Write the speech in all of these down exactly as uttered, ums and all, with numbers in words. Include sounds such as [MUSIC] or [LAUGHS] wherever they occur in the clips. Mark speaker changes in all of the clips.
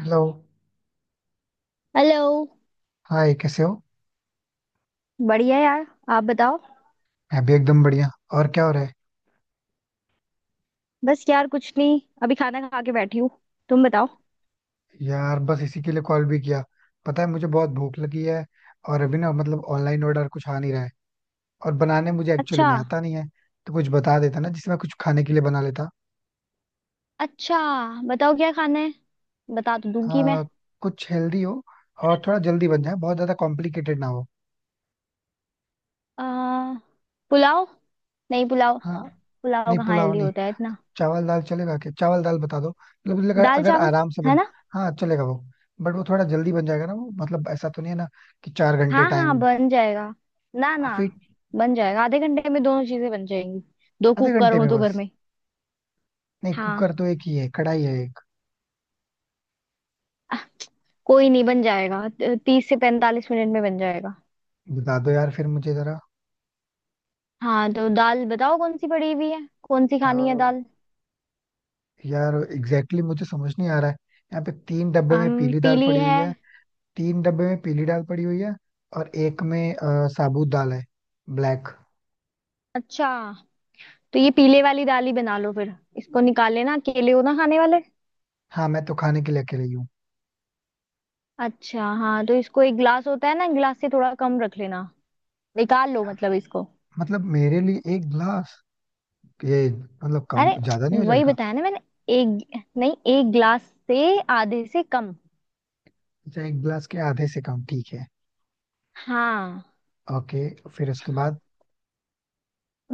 Speaker 1: Hello.
Speaker 2: Hello.
Speaker 1: Hi कैसे हो।
Speaker 2: बढ़िया यार। आप बताओ।
Speaker 1: मैं भी एकदम बढ़िया। और क्या हो रहा है।
Speaker 2: बस यार कुछ नहीं, अभी खाना खा के बैठी हूँ। तुम बताओ।
Speaker 1: यार बस इसी के लिए कॉल भी किया। पता है मुझे बहुत भूख लगी है। और अभी ना मतलब ऑनलाइन ऑर्डर कुछ आ नहीं रहा है। और बनाने मुझे एक्चुअली
Speaker 2: अच्छा।
Speaker 1: में आता नहीं है। तो कुछ बता देता ना जिसमें कुछ खाने के लिए बना लेता।
Speaker 2: अच्छा, बताओ क्या खाना है। बता तो दूंगी मैं।
Speaker 1: आ, कुछ हेल्दी हो। और थोड़ा जल्दी बन जाए बहुत ज्यादा कॉम्प्लिकेटेड ना हो।
Speaker 2: आ, पुलाव। नहीं पुलाव।
Speaker 1: हाँ।
Speaker 2: पुलाव
Speaker 1: नहीं
Speaker 2: कहाँ
Speaker 1: पुलाव
Speaker 2: हेल्दी
Speaker 1: नहीं।
Speaker 2: होता है इतना?
Speaker 1: चावल दाल चलेगा क्या। चावल दाल बता दो मतलब मुझे लगा
Speaker 2: दाल
Speaker 1: अगर
Speaker 2: चावल
Speaker 1: आराम से
Speaker 2: है
Speaker 1: बन।
Speaker 2: ना?
Speaker 1: हाँ चलेगा वो। बट वो थोड़ा जल्दी बन जाएगा ना वो मतलब ऐसा तो नहीं है ना कि चार घंटे
Speaker 2: हाँ
Speaker 1: टाइम।
Speaker 2: हाँ बन जाएगा, ना ना।
Speaker 1: फिर।
Speaker 2: बन जाएगा, आधे घंटे में दोनों चीजें बन जाएंगी। दो
Speaker 1: आधे
Speaker 2: कुकर
Speaker 1: घंटे
Speaker 2: हो
Speaker 1: में
Speaker 2: तो घर
Speaker 1: बस।
Speaker 2: में।
Speaker 1: नहीं
Speaker 2: हाँ।
Speaker 1: कुकर तो एक ही है कढ़ाई है एक।
Speaker 2: अ, कोई नहीं, बन जाएगा तीस से पैंतालीस मिनट में बन जाएगा।
Speaker 1: बता दो यार फिर मुझे जरा।
Speaker 2: हाँ तो दाल बताओ कौन सी पड़ी हुई है, कौन सी
Speaker 1: आ,
Speaker 2: खानी है दाल।
Speaker 1: यार एग्जैक्टली exactly मुझे समझ नहीं आ रहा है। यहाँ पे तीन डब्बे में
Speaker 2: अम
Speaker 1: पीली दाल
Speaker 2: पीली
Speaker 1: पड़ी
Speaker 2: है।
Speaker 1: हुई है। तीन डब्बे में पीली दाल पड़ी हुई है और एक में आ, साबुत दाल है। ब्लैक।
Speaker 2: अच्छा, तो ये पीले वाली दाल ही बना लो, फिर इसको निकाल लेना। केले हो ना खाने वाले?
Speaker 1: हाँ मैं तो खाने के लिए अकेले ही हूँ।
Speaker 2: अच्छा हाँ, तो इसको एक गिलास होता है ना, गिलास से थोड़ा कम रख लेना। निकाल लो मतलब इसको।
Speaker 1: मतलब मेरे लिए एक गिलास। ये मतलब कम ज्यादा नहीं हो
Speaker 2: अरे वही
Speaker 1: जाएगा।
Speaker 2: बताया ना मैंने, एक नहीं, एक गिलास से आधे से कम।
Speaker 1: अच्छा एक गिलास के आधे से कम ठीक है।
Speaker 2: हाँ।
Speaker 1: ओके। फिर उसके बाद।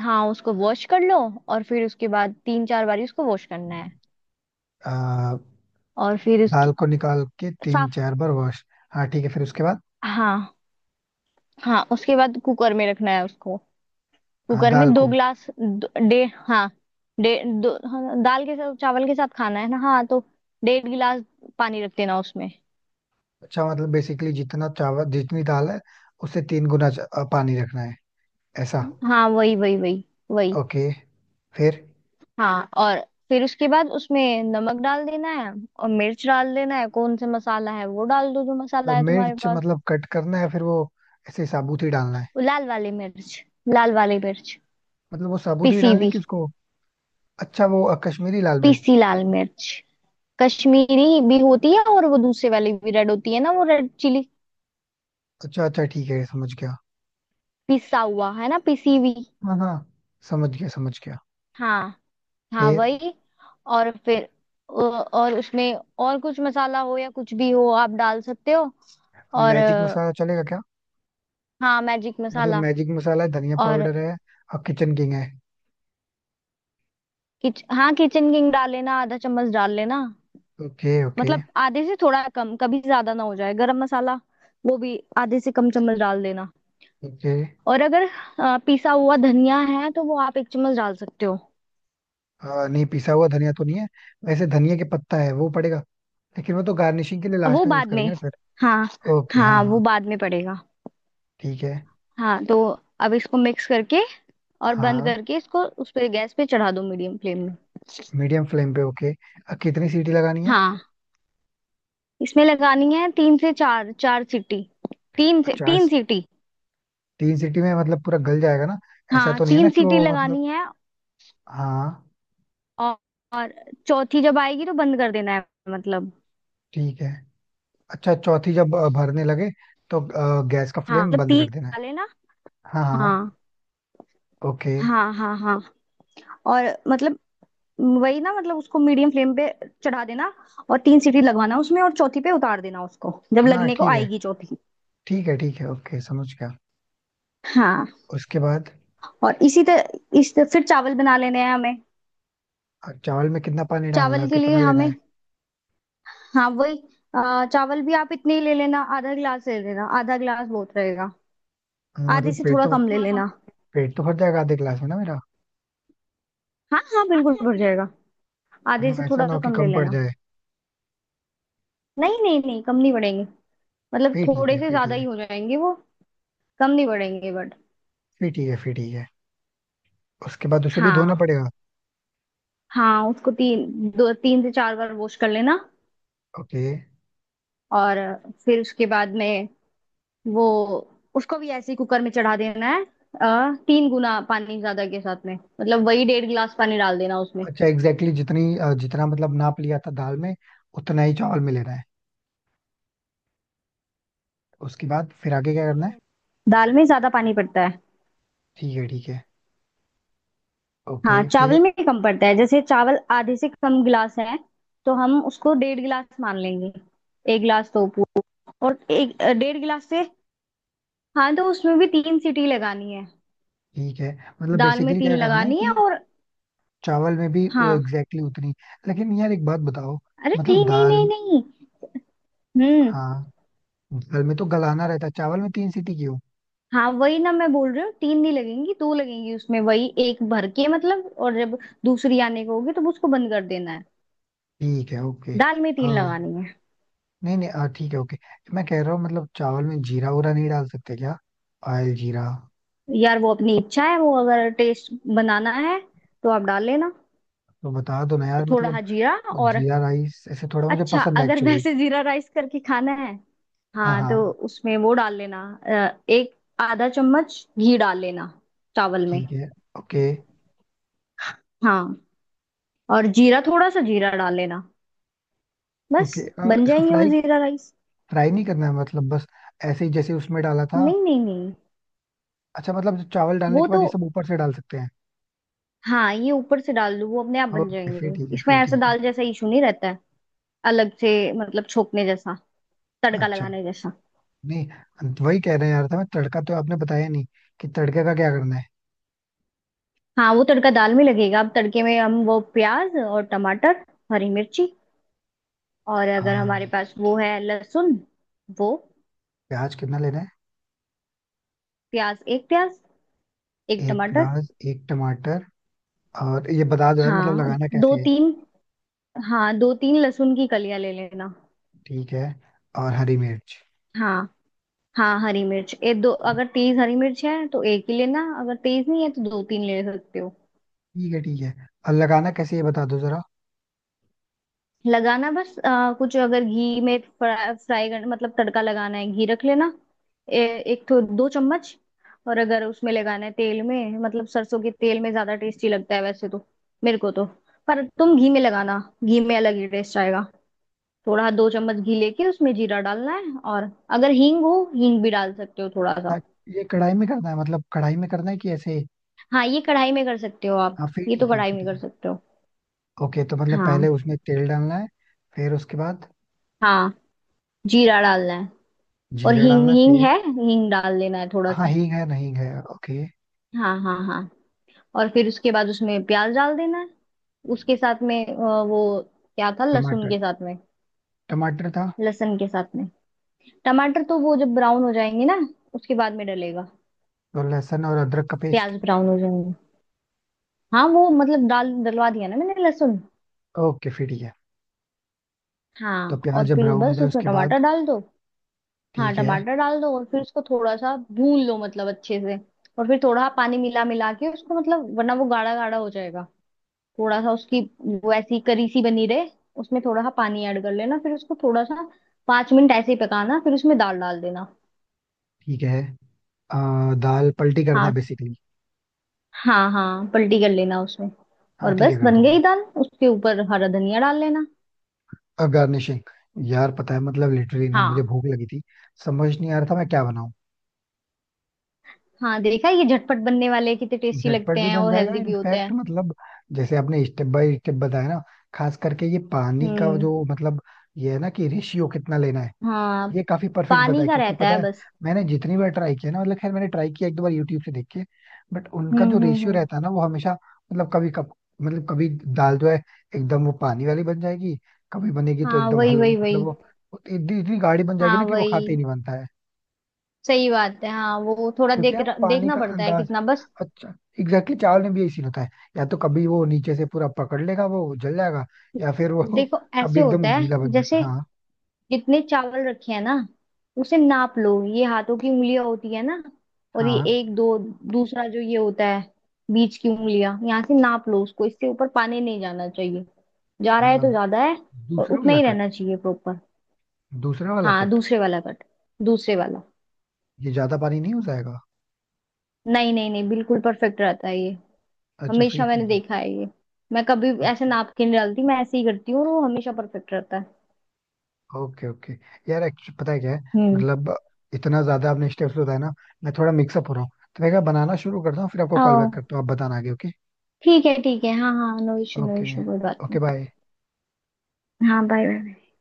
Speaker 2: हाँ उसको वॉश कर लो, और फिर उसके बाद तीन चार बारी उसको वॉश करना है।
Speaker 1: आ,
Speaker 2: और फिर
Speaker 1: दाल
Speaker 2: उसकी
Speaker 1: को निकाल के तीन
Speaker 2: साफ।
Speaker 1: चार बार वॉश। हाँ ठीक है फिर उसके बाद।
Speaker 2: हाँ। हाँ उसके बाद कुकर में रखना है उसको।
Speaker 1: हाँ
Speaker 2: कुकर
Speaker 1: दाल
Speaker 2: में दो
Speaker 1: को।
Speaker 2: ग्लास, दो- डेढ़, हाँ। डेढ़ दो, हाँ, दाल के साथ चावल के साथ खाना है ना, हाँ तो डेढ़ गिलास पानी रख देना उसमें।
Speaker 1: अच्छा मतलब बेसिकली जितना चावल जितनी दाल है उससे तीन गुना च- अ, पानी रखना है ऐसा।
Speaker 2: हाँ वही वही वही। वही।
Speaker 1: ओके फिर।
Speaker 2: हाँ, और फिर उसके बाद उसमें नमक डाल देना है, और मिर्च डाल देना है, कौन सा मसाला है वो डाल दो, जो
Speaker 1: तो
Speaker 2: मसाला है तुम्हारे
Speaker 1: मिर्च
Speaker 2: पास।
Speaker 1: मतलब कट करना है फिर वो ऐसे साबुत ही डालना है।
Speaker 2: वो लाल वाली मिर्च, लाल वाली मिर्च
Speaker 1: मतलब वो साबुत ही
Speaker 2: पिसी
Speaker 1: डालने
Speaker 2: हुई।
Speaker 1: की उसको। अच्छा वो अ, कश्मीरी लाल मिर्च।
Speaker 2: पिसी लाल मिर्च कश्मीरी भी होती है, और वो दूसरे वाली भी रेड होती है ना, वो रेड चिली।
Speaker 1: अच्छा अच्छा ठीक है समझ गया।
Speaker 2: पिसा हुआ है ना, पिसी हुई।
Speaker 1: हाँ हाँ समझ गया समझ गया।
Speaker 2: हाँ हाँ
Speaker 1: फिर।
Speaker 2: वही। और फिर अ, और उसमें, और कुछ मसाला हो या कुछ भी हो आप डाल सकते हो। और
Speaker 1: मैजिक
Speaker 2: अ,
Speaker 1: मसाला चलेगा क्या।
Speaker 2: हाँ मैजिक
Speaker 1: मतलब
Speaker 2: मसाला।
Speaker 1: मैजिक मसाला है धनिया
Speaker 2: और
Speaker 1: पाउडर है और किचन किंग है।
Speaker 2: किच, हाँ किचन किंग डाल लेना, आधा चम्मच डाल लेना।
Speaker 1: Okay okay.
Speaker 2: मतलब आधे से थोड़ा कम, कभी ज्यादा ना हो जाए। गरम मसाला वो भी आधे से कम चम्मच डाल देना।
Speaker 1: ओके।
Speaker 2: और अगर अ, पिसा हुआ धनिया है तो वो आप एक चम्मच डाल सकते हो।
Speaker 1: आ, नहीं पिसा हुआ धनिया तो नहीं है। वैसे धनिया के पत्ता है वो पड़ेगा। लेकिन वो तो गार्निशिंग के लिए
Speaker 2: वो
Speaker 1: लास्ट में यूज
Speaker 2: बाद
Speaker 1: करेंगे
Speaker 2: में,
Speaker 1: ना फिर।
Speaker 2: हाँ।
Speaker 1: ओके हाँ
Speaker 2: हाँ
Speaker 1: हाँ।
Speaker 2: वो बाद में पड़ेगा।
Speaker 1: ठीक है।
Speaker 2: हाँ तो अब इसको मिक्स करके और बंद
Speaker 1: हाँ
Speaker 2: करके इसको उस पे, गैस पे चढ़ा दो मीडियम फ्लेम में।
Speaker 1: मीडियम फ्लेम पे ओके। अब कितनी सीटी लगानी है।
Speaker 2: हाँ। इसमें लगानी है तीन से चार, चार सीटी। तीन से
Speaker 1: चार।
Speaker 2: तीन सीटी।
Speaker 1: तीन सीटी में मतलब पूरा गल जाएगा ना। ऐसा
Speaker 2: हाँ
Speaker 1: तो नहीं है ना
Speaker 2: तीन
Speaker 1: कि
Speaker 2: सीटी
Speaker 1: वो मतलब।
Speaker 2: लगानी है।
Speaker 1: हाँ।
Speaker 2: और, और चौथी जब आएगी तो बंद कर देना है मतलब।
Speaker 1: ठीक है। अच्छा चौथी जब अ, भरने लगे तो अ, गैस का
Speaker 2: हाँ
Speaker 1: फ्लेम
Speaker 2: मतलब
Speaker 1: बंद
Speaker 2: तीन
Speaker 1: कर देना है।
Speaker 2: डाले ना।
Speaker 1: हाँ हाँ।
Speaker 2: हाँ
Speaker 1: ओके।
Speaker 2: हाँ हाँ हाँ, और मतलब वही ना, मतलब उसको मीडियम फ्लेम पे चढ़ा देना, और तीन सीटी लगवाना उसमें, और चौथी पे उतार देना उसको जब
Speaker 1: हाँ।
Speaker 2: लगने को
Speaker 1: ठीक है
Speaker 2: आएगी चौथी।
Speaker 1: ठीक है ठीक है ओके समझ गया।
Speaker 2: हाँ।
Speaker 1: उसके बाद।
Speaker 2: और इसी तरह इस फिर चावल बना लेने हैं हमें।
Speaker 1: अ, चावल में कितना पानी डालना है
Speaker 2: चावल के लिए
Speaker 1: कितना लेना
Speaker 2: हमें,
Speaker 1: है।
Speaker 2: हाँ वही। अ, चावल भी आप इतने ही ले लेना, आधा गिलास ले लेना, आधा गिलास बहुत रहेगा।
Speaker 1: अ,
Speaker 2: आधे
Speaker 1: मतलब
Speaker 2: से
Speaker 1: पेट
Speaker 2: थोड़ा
Speaker 1: तो।
Speaker 2: कम ले लेना।
Speaker 1: पेट तो भर जाएगा आधे गिलास में ना मेरा।
Speaker 2: हाँ हाँ बिल्कुल भर जाएगा। आधे
Speaker 1: मतलब
Speaker 2: से
Speaker 1: ऐसा
Speaker 2: थोड़ा
Speaker 1: ना हो कि
Speaker 2: कम ले
Speaker 1: कम पड़
Speaker 2: लेना।
Speaker 1: जाए।
Speaker 2: नहीं नहीं नहीं, कम नहीं पड़ेंगे, मतलब
Speaker 1: फिर ठीक
Speaker 2: थोड़े
Speaker 1: है
Speaker 2: से
Speaker 1: फिर
Speaker 2: ज्यादा
Speaker 1: ठीक
Speaker 2: ही
Speaker 1: है।
Speaker 2: हो जाएंगे वो। कम नहीं पड़ेंगे, बट।
Speaker 1: फिर ठीक है फिर ठीक है। उसके बाद उसे भी धोना
Speaker 2: हाँ।
Speaker 1: पड़ेगा।
Speaker 2: हाँ उसको तीन, दो तीन से चार बार वॉश कर लेना।
Speaker 1: ओके।
Speaker 2: और फिर उसके बाद में वो उसको भी ऐसे ही कुकर में चढ़ा देना है। अ, तीन गुना पानी ज्यादा के साथ में, मतलब वही डेढ़ गिलास पानी डाल देना उसमें।
Speaker 1: अच्छा एग्जैक्टली exactly जितनी अ, जितना मतलब नाप लिया था दाल में उतना ही चावल में लेना है।
Speaker 2: लेना है नहीं, दाल में तो
Speaker 1: उसके
Speaker 2: ज्यादा
Speaker 1: बाद
Speaker 2: पानी
Speaker 1: फिर आगे
Speaker 2: पड़ता
Speaker 1: क्या
Speaker 2: है।
Speaker 1: करना है।
Speaker 2: दाल में ज्यादा पानी पड़ता है।
Speaker 1: ठीक है ठीक है
Speaker 2: हाँ
Speaker 1: ओके फिर।
Speaker 2: चावल में कम पड़ता है। जैसे चावल आधे से कम गिलास है, तो हम उसको डेढ़ गिलास मान लेंगे। एक गिलास तो पूरा, और एक अ, डेढ़ गिलास से कम। हाँ तो उसमें भी तीन सीटी लगानी है।
Speaker 1: ठीक है मतलब
Speaker 2: दाल में
Speaker 1: बेसिकली क्या
Speaker 2: तीन
Speaker 1: करना है
Speaker 2: लगानी है
Speaker 1: कि
Speaker 2: और।
Speaker 1: चावल में भी एग्जैक्टली
Speaker 2: हाँ।
Speaker 1: exactly उतनी। लेकिन यार एक बात बताओ
Speaker 2: अरे
Speaker 1: मतलब
Speaker 2: नहीं नहीं
Speaker 1: दाल
Speaker 2: नहीं
Speaker 1: में-
Speaker 2: नहीं। हम्म।
Speaker 1: हाँ दाल में तो गलाना रहता है चावल में तीन सीटी क्यों।
Speaker 2: हाँ वही ना, मैं बोल रही हूँ तीन नहीं लगेंगी, दो लगेंगी उसमें, वही एक भर के मतलब, और जब दूसरी आने को होगी तो उसको बंद कर देना है।
Speaker 1: ठीक है ओके।
Speaker 2: दाल में तीन
Speaker 1: हाँ।
Speaker 2: लगानी है।
Speaker 1: नहीं नहीं आ, ठीक है ओके। मैं कह रहा हूँ मतलब चावल में जीरा उरा नहीं डाल सकते क्या। ऑयल जीरा।
Speaker 2: यार वो अपनी इच्छा है, वो अगर टेस्ट बनाना है तो आप डाल लेना
Speaker 1: तो बता दो ना यार
Speaker 2: थोड़ा,
Speaker 1: मतलब।
Speaker 2: हाँ जीरा।
Speaker 1: वो
Speaker 2: और
Speaker 1: जीरा राइस ऐसे थोड़ा मुझे
Speaker 2: अच्छा,
Speaker 1: पसंद है
Speaker 2: अगर [LAUGHS]
Speaker 1: एक्चुअली।
Speaker 2: वैसे जीरा राइस करके खाना है,
Speaker 1: हाँ
Speaker 2: हाँ तो
Speaker 1: हाँ
Speaker 2: उसमें वो डाल लेना। अ, एक आधा चम्मच घी डाल लेना चावल में।
Speaker 1: ठीक है ओके
Speaker 2: हाँ, और जीरा, थोड़ा सा जीरा डाल लेना बस,
Speaker 1: ओके। अ,
Speaker 2: बन
Speaker 1: इसको
Speaker 2: जाएंगे वो
Speaker 1: फ्राई
Speaker 2: जीरा राइस।
Speaker 1: फ्राई नहीं करना है मतलब बस ऐसे ही जैसे उसमें डाला था।
Speaker 2: नहीं नहीं नहीं,
Speaker 1: अच्छा मतलब जो चावल डालने
Speaker 2: वो
Speaker 1: के बाद
Speaker 2: तो।
Speaker 1: ये सब ऊपर से डाल सकते हैं।
Speaker 2: हाँ, ये ऊपर से डाल दो, वो अपने आप बन
Speaker 1: ओके
Speaker 2: जाएंगे।
Speaker 1: फिर ठीक है
Speaker 2: इसमें
Speaker 1: फिर
Speaker 2: ऐसा
Speaker 1: ठीक है।
Speaker 2: दाल जैसा इशू नहीं रहता है अलग से, मतलब छोकने जैसा, तड़का
Speaker 1: अच्छा।
Speaker 2: लगाने जैसा।
Speaker 1: नहीं वही कह रहे हैं यार था मैं तड़का तो आपने बताया नहीं कि तड़के का क्या करना है।
Speaker 2: हाँ वो तड़का दाल में लगेगा। अब तड़के में हम वो प्याज और टमाटर, हरी मिर्ची, और अगर हमारे
Speaker 1: हाँ,
Speaker 2: पास वो है लहसुन, वो।
Speaker 1: प्याज कितना लेना है।
Speaker 2: प्याज एक प्याज, एक
Speaker 1: एक
Speaker 2: टमाटर।
Speaker 1: प्याज एक टमाटर। और ये बता दो यार मतलब
Speaker 2: हाँ
Speaker 1: लगाना कैसे
Speaker 2: दो
Speaker 1: है।
Speaker 2: तीन। हाँ दो तीन लहसुन की कलियां ले लेना।
Speaker 1: ठीक है। और हरी मिर्च।
Speaker 2: हाँ हाँ हरी मिर्च ये दो,
Speaker 1: हाँ,
Speaker 2: अगर तेज हरी मिर्च है तो एक ही लेना, अगर तेज नहीं है तो दो तीन ले सकते हो।
Speaker 1: ठीक है ठीक है। और लगाना कैसे है ये बता दो जरा।
Speaker 2: लगाना बस अ, कुछ, अगर घी में फ्राई, फ्राई कर, मतलब तड़का लगाना है, घी रख लेना। ए, एक तो दो चम्मच। और अगर उसमें लगाना है तेल में, मतलब सरसों के तेल में ज्यादा टेस्टी लगता है वैसे तो, मेरे को तो। पर तुम घी में लगाना, घी में अलग ही टेस्ट आएगा। थोड़ा दो चम्मच घी लेके उसमें जीरा डालना है। और अगर हींग हो, हींग भी डाल सकते हो थोड़ा
Speaker 1: ता-
Speaker 2: सा।
Speaker 1: ये कढ़ाई में करना है मतलब कढ़ाई में करना है कि ऐसे।
Speaker 2: हाँ ये कढ़ाई में कर सकते हो आप।
Speaker 1: हाँ फिर
Speaker 2: ये तो
Speaker 1: ठीक है
Speaker 2: कढ़ाई
Speaker 1: फिर
Speaker 2: में
Speaker 1: ठीक
Speaker 2: कर
Speaker 1: है।
Speaker 2: सकते हो।
Speaker 1: ओके तो मतलब पहले
Speaker 2: हाँ।
Speaker 1: उसमें तेल डालना है। फिर उसके बाद।
Speaker 2: हाँ जीरा डालना है। और
Speaker 1: जीरा
Speaker 2: हींग,
Speaker 1: डालना है
Speaker 2: हींग
Speaker 1: फिर।
Speaker 2: है, हींग डाल लेना है थोड़ा
Speaker 1: हाँ
Speaker 2: सा।
Speaker 1: हींग है नहीं है ओके।
Speaker 2: हाँ हाँ हाँ। और फिर उसके बाद उसमें प्याज डाल देना है। उसके साथ में अ, वो क्या था, लहसुन
Speaker 1: टमाटर।
Speaker 2: के साथ में।
Speaker 1: टमाटर था।
Speaker 2: लहसुन के साथ में टमाटर, तो वो जब ब्राउन हो जाएंगे ना, उसके बाद में डलेगा।
Speaker 1: तो लहसुन और अदरक का पेस्ट।
Speaker 2: प्याज ब्राउन हो जाएंगे। हाँ वो मतलब डाल डलवा दिया ना मैंने लहसुन।
Speaker 1: ओके फिर ठीक है। तो
Speaker 2: हाँ
Speaker 1: प्याज
Speaker 2: और
Speaker 1: जब
Speaker 2: फिर
Speaker 1: ब्राउन हो
Speaker 2: बस
Speaker 1: जाए
Speaker 2: उसमें
Speaker 1: उसके बाद।
Speaker 2: टमाटर डाल दो। हाँ
Speaker 1: ठीक है।
Speaker 2: टमाटर डाल दो, और फिर उसको थोड़ा सा भून लो, मतलब अच्छे से। और फिर थोड़ा पानी मिला मिला के उसको, मतलब वरना वो गाढ़ा गाढ़ा हो जाएगा, थोड़ा सा उसकी, वो ऐसी करी सी बनी रहे। उसमें थोड़ा सा पानी ऐड कर लेना, फिर उसको थोड़ा सा पांच मिनट ऐसे ही पकाना, फिर उसमें दाल डाल देना।
Speaker 1: ठीक है अ, दाल पलटी करना है
Speaker 2: हाँ
Speaker 1: बेसिकली।
Speaker 2: हाँ हाँ पलटी कर लेना उसमें।
Speaker 1: हाँ
Speaker 2: और
Speaker 1: ठीक है
Speaker 2: बस
Speaker 1: कर
Speaker 2: बन
Speaker 1: दूंगा।
Speaker 2: गई दाल, उसके ऊपर हरा धनिया डाल लेना।
Speaker 1: और गार्निशिंग। यार पता है मतलब लिटरली ना मुझे
Speaker 2: हाँ।
Speaker 1: भूख लगी थी। समझ नहीं आ रहा था मैं क्या बनाऊं।
Speaker 2: हाँ देखा, ये झटपट बनने वाले कितने टेस्टी
Speaker 1: झटपट
Speaker 2: लगते
Speaker 1: भी
Speaker 2: हैं,
Speaker 1: बन
Speaker 2: और
Speaker 1: जाएगा
Speaker 2: हेल्दी भी होते
Speaker 1: इनफैक्ट
Speaker 2: हैं।
Speaker 1: मतलब जैसे आपने स्टेप बाय स्टेप बताया ना। खास करके ये पानी का
Speaker 2: हम्म।
Speaker 1: जो मतलब ये है ना कि रेशियो कितना लेना है।
Speaker 2: हाँ
Speaker 1: ये काफी परफेक्ट
Speaker 2: पानी
Speaker 1: बताया
Speaker 2: का
Speaker 1: क्योंकि
Speaker 2: रहता
Speaker 1: पता
Speaker 2: है
Speaker 1: है।
Speaker 2: बस।
Speaker 1: मैंने जितनी बार ट्राई किया ना मतलब खैर मैंने ट्राई किया एक दो बार यूट्यूब से देख के। बट उनका
Speaker 2: हम्म
Speaker 1: जो
Speaker 2: हम्म
Speaker 1: रेशियो
Speaker 2: हम्म।
Speaker 1: रहता है ना वो हमेशा मतलब कभी कप मतलब कभी दाल जो है एकदम वो पानी वाली बन जाएगी। कभी बनेगी तो
Speaker 2: हाँ
Speaker 1: एकदम
Speaker 2: वही
Speaker 1: हलवे
Speaker 2: वही
Speaker 1: मतलब
Speaker 2: वही।
Speaker 1: वो वो इतनी इतनी गाढ़ी बन जाएगी
Speaker 2: हाँ
Speaker 1: ना कि वो खाते ही
Speaker 2: वही,
Speaker 1: नहीं बनता है।
Speaker 2: सही बात है। हाँ वो थोड़ा
Speaker 1: क्योंकि
Speaker 2: देख,
Speaker 1: यार पानी
Speaker 2: देखना
Speaker 1: का
Speaker 2: पड़ता है
Speaker 1: अंदाज।
Speaker 2: कितना बस।
Speaker 1: अच्छा एग्जैक्टली exactly, चावल में भी यही सीन होता है। या तो कभी वो नीचे से पूरा पकड़ लेगा वो जल जाएगा। या फिर वो
Speaker 2: देखो
Speaker 1: [LAUGHS] कभी
Speaker 2: ऐसे होता
Speaker 1: एकदम
Speaker 2: है,
Speaker 1: गीला बन
Speaker 2: जैसे
Speaker 1: जाएगा हाँ।
Speaker 2: जितने चावल रखे हैं ना, उसे नाप लो। ये हाथों की उंगलियां होती है ना, और ये
Speaker 1: हाँ
Speaker 2: एक दो, दूसरा जो ये होता है, बीच की उंगलियां, यहाँ से नाप लो उसको, इससे ऊपर पानी नहीं जाना चाहिए। जा रहा है
Speaker 1: अ,
Speaker 2: तो ज्यादा है, और
Speaker 1: दूसरा
Speaker 2: उतना
Speaker 1: वाला
Speaker 2: ही
Speaker 1: कट
Speaker 2: रहना चाहिए प्रॉपर।
Speaker 1: दूसरा वाला
Speaker 2: हाँ
Speaker 1: कट
Speaker 2: दूसरे वाला कट, दूसरे वाला।
Speaker 1: ये ज्यादा पानी नहीं हो जाएगा।
Speaker 2: नहीं नहीं नहीं, बिल्कुल परफेक्ट रहता है ये,
Speaker 1: अच्छा फिर
Speaker 2: हमेशा मैंने
Speaker 1: ठीक है।
Speaker 2: देखा है ये। मैं कभी ऐसे
Speaker 1: अच्छा
Speaker 2: नाप के नहीं डालती, मैं ऐसे ही करती हूँ, और वो हमेशा परफेक्ट रहता है।
Speaker 1: Okay okay. यार एक्चुअली पता है क्या है मतलब इतना ज्यादा आपने स्टेप्स बताया ना। मैं थोड़ा मिक्सअप हो रहा हूँ। तो मैं क्या बनाना शुरू करता हूँ फिर आपको कॉल बैक
Speaker 2: हम्म।
Speaker 1: करता हूँ आप बताना आगे ओके।
Speaker 2: ठीक है ठीक है, हाँ हाँ, no issue no
Speaker 1: okay
Speaker 2: issue, कोई बात
Speaker 1: ओके
Speaker 2: नहीं।
Speaker 1: बाय।
Speaker 2: हाँ बाय बाय।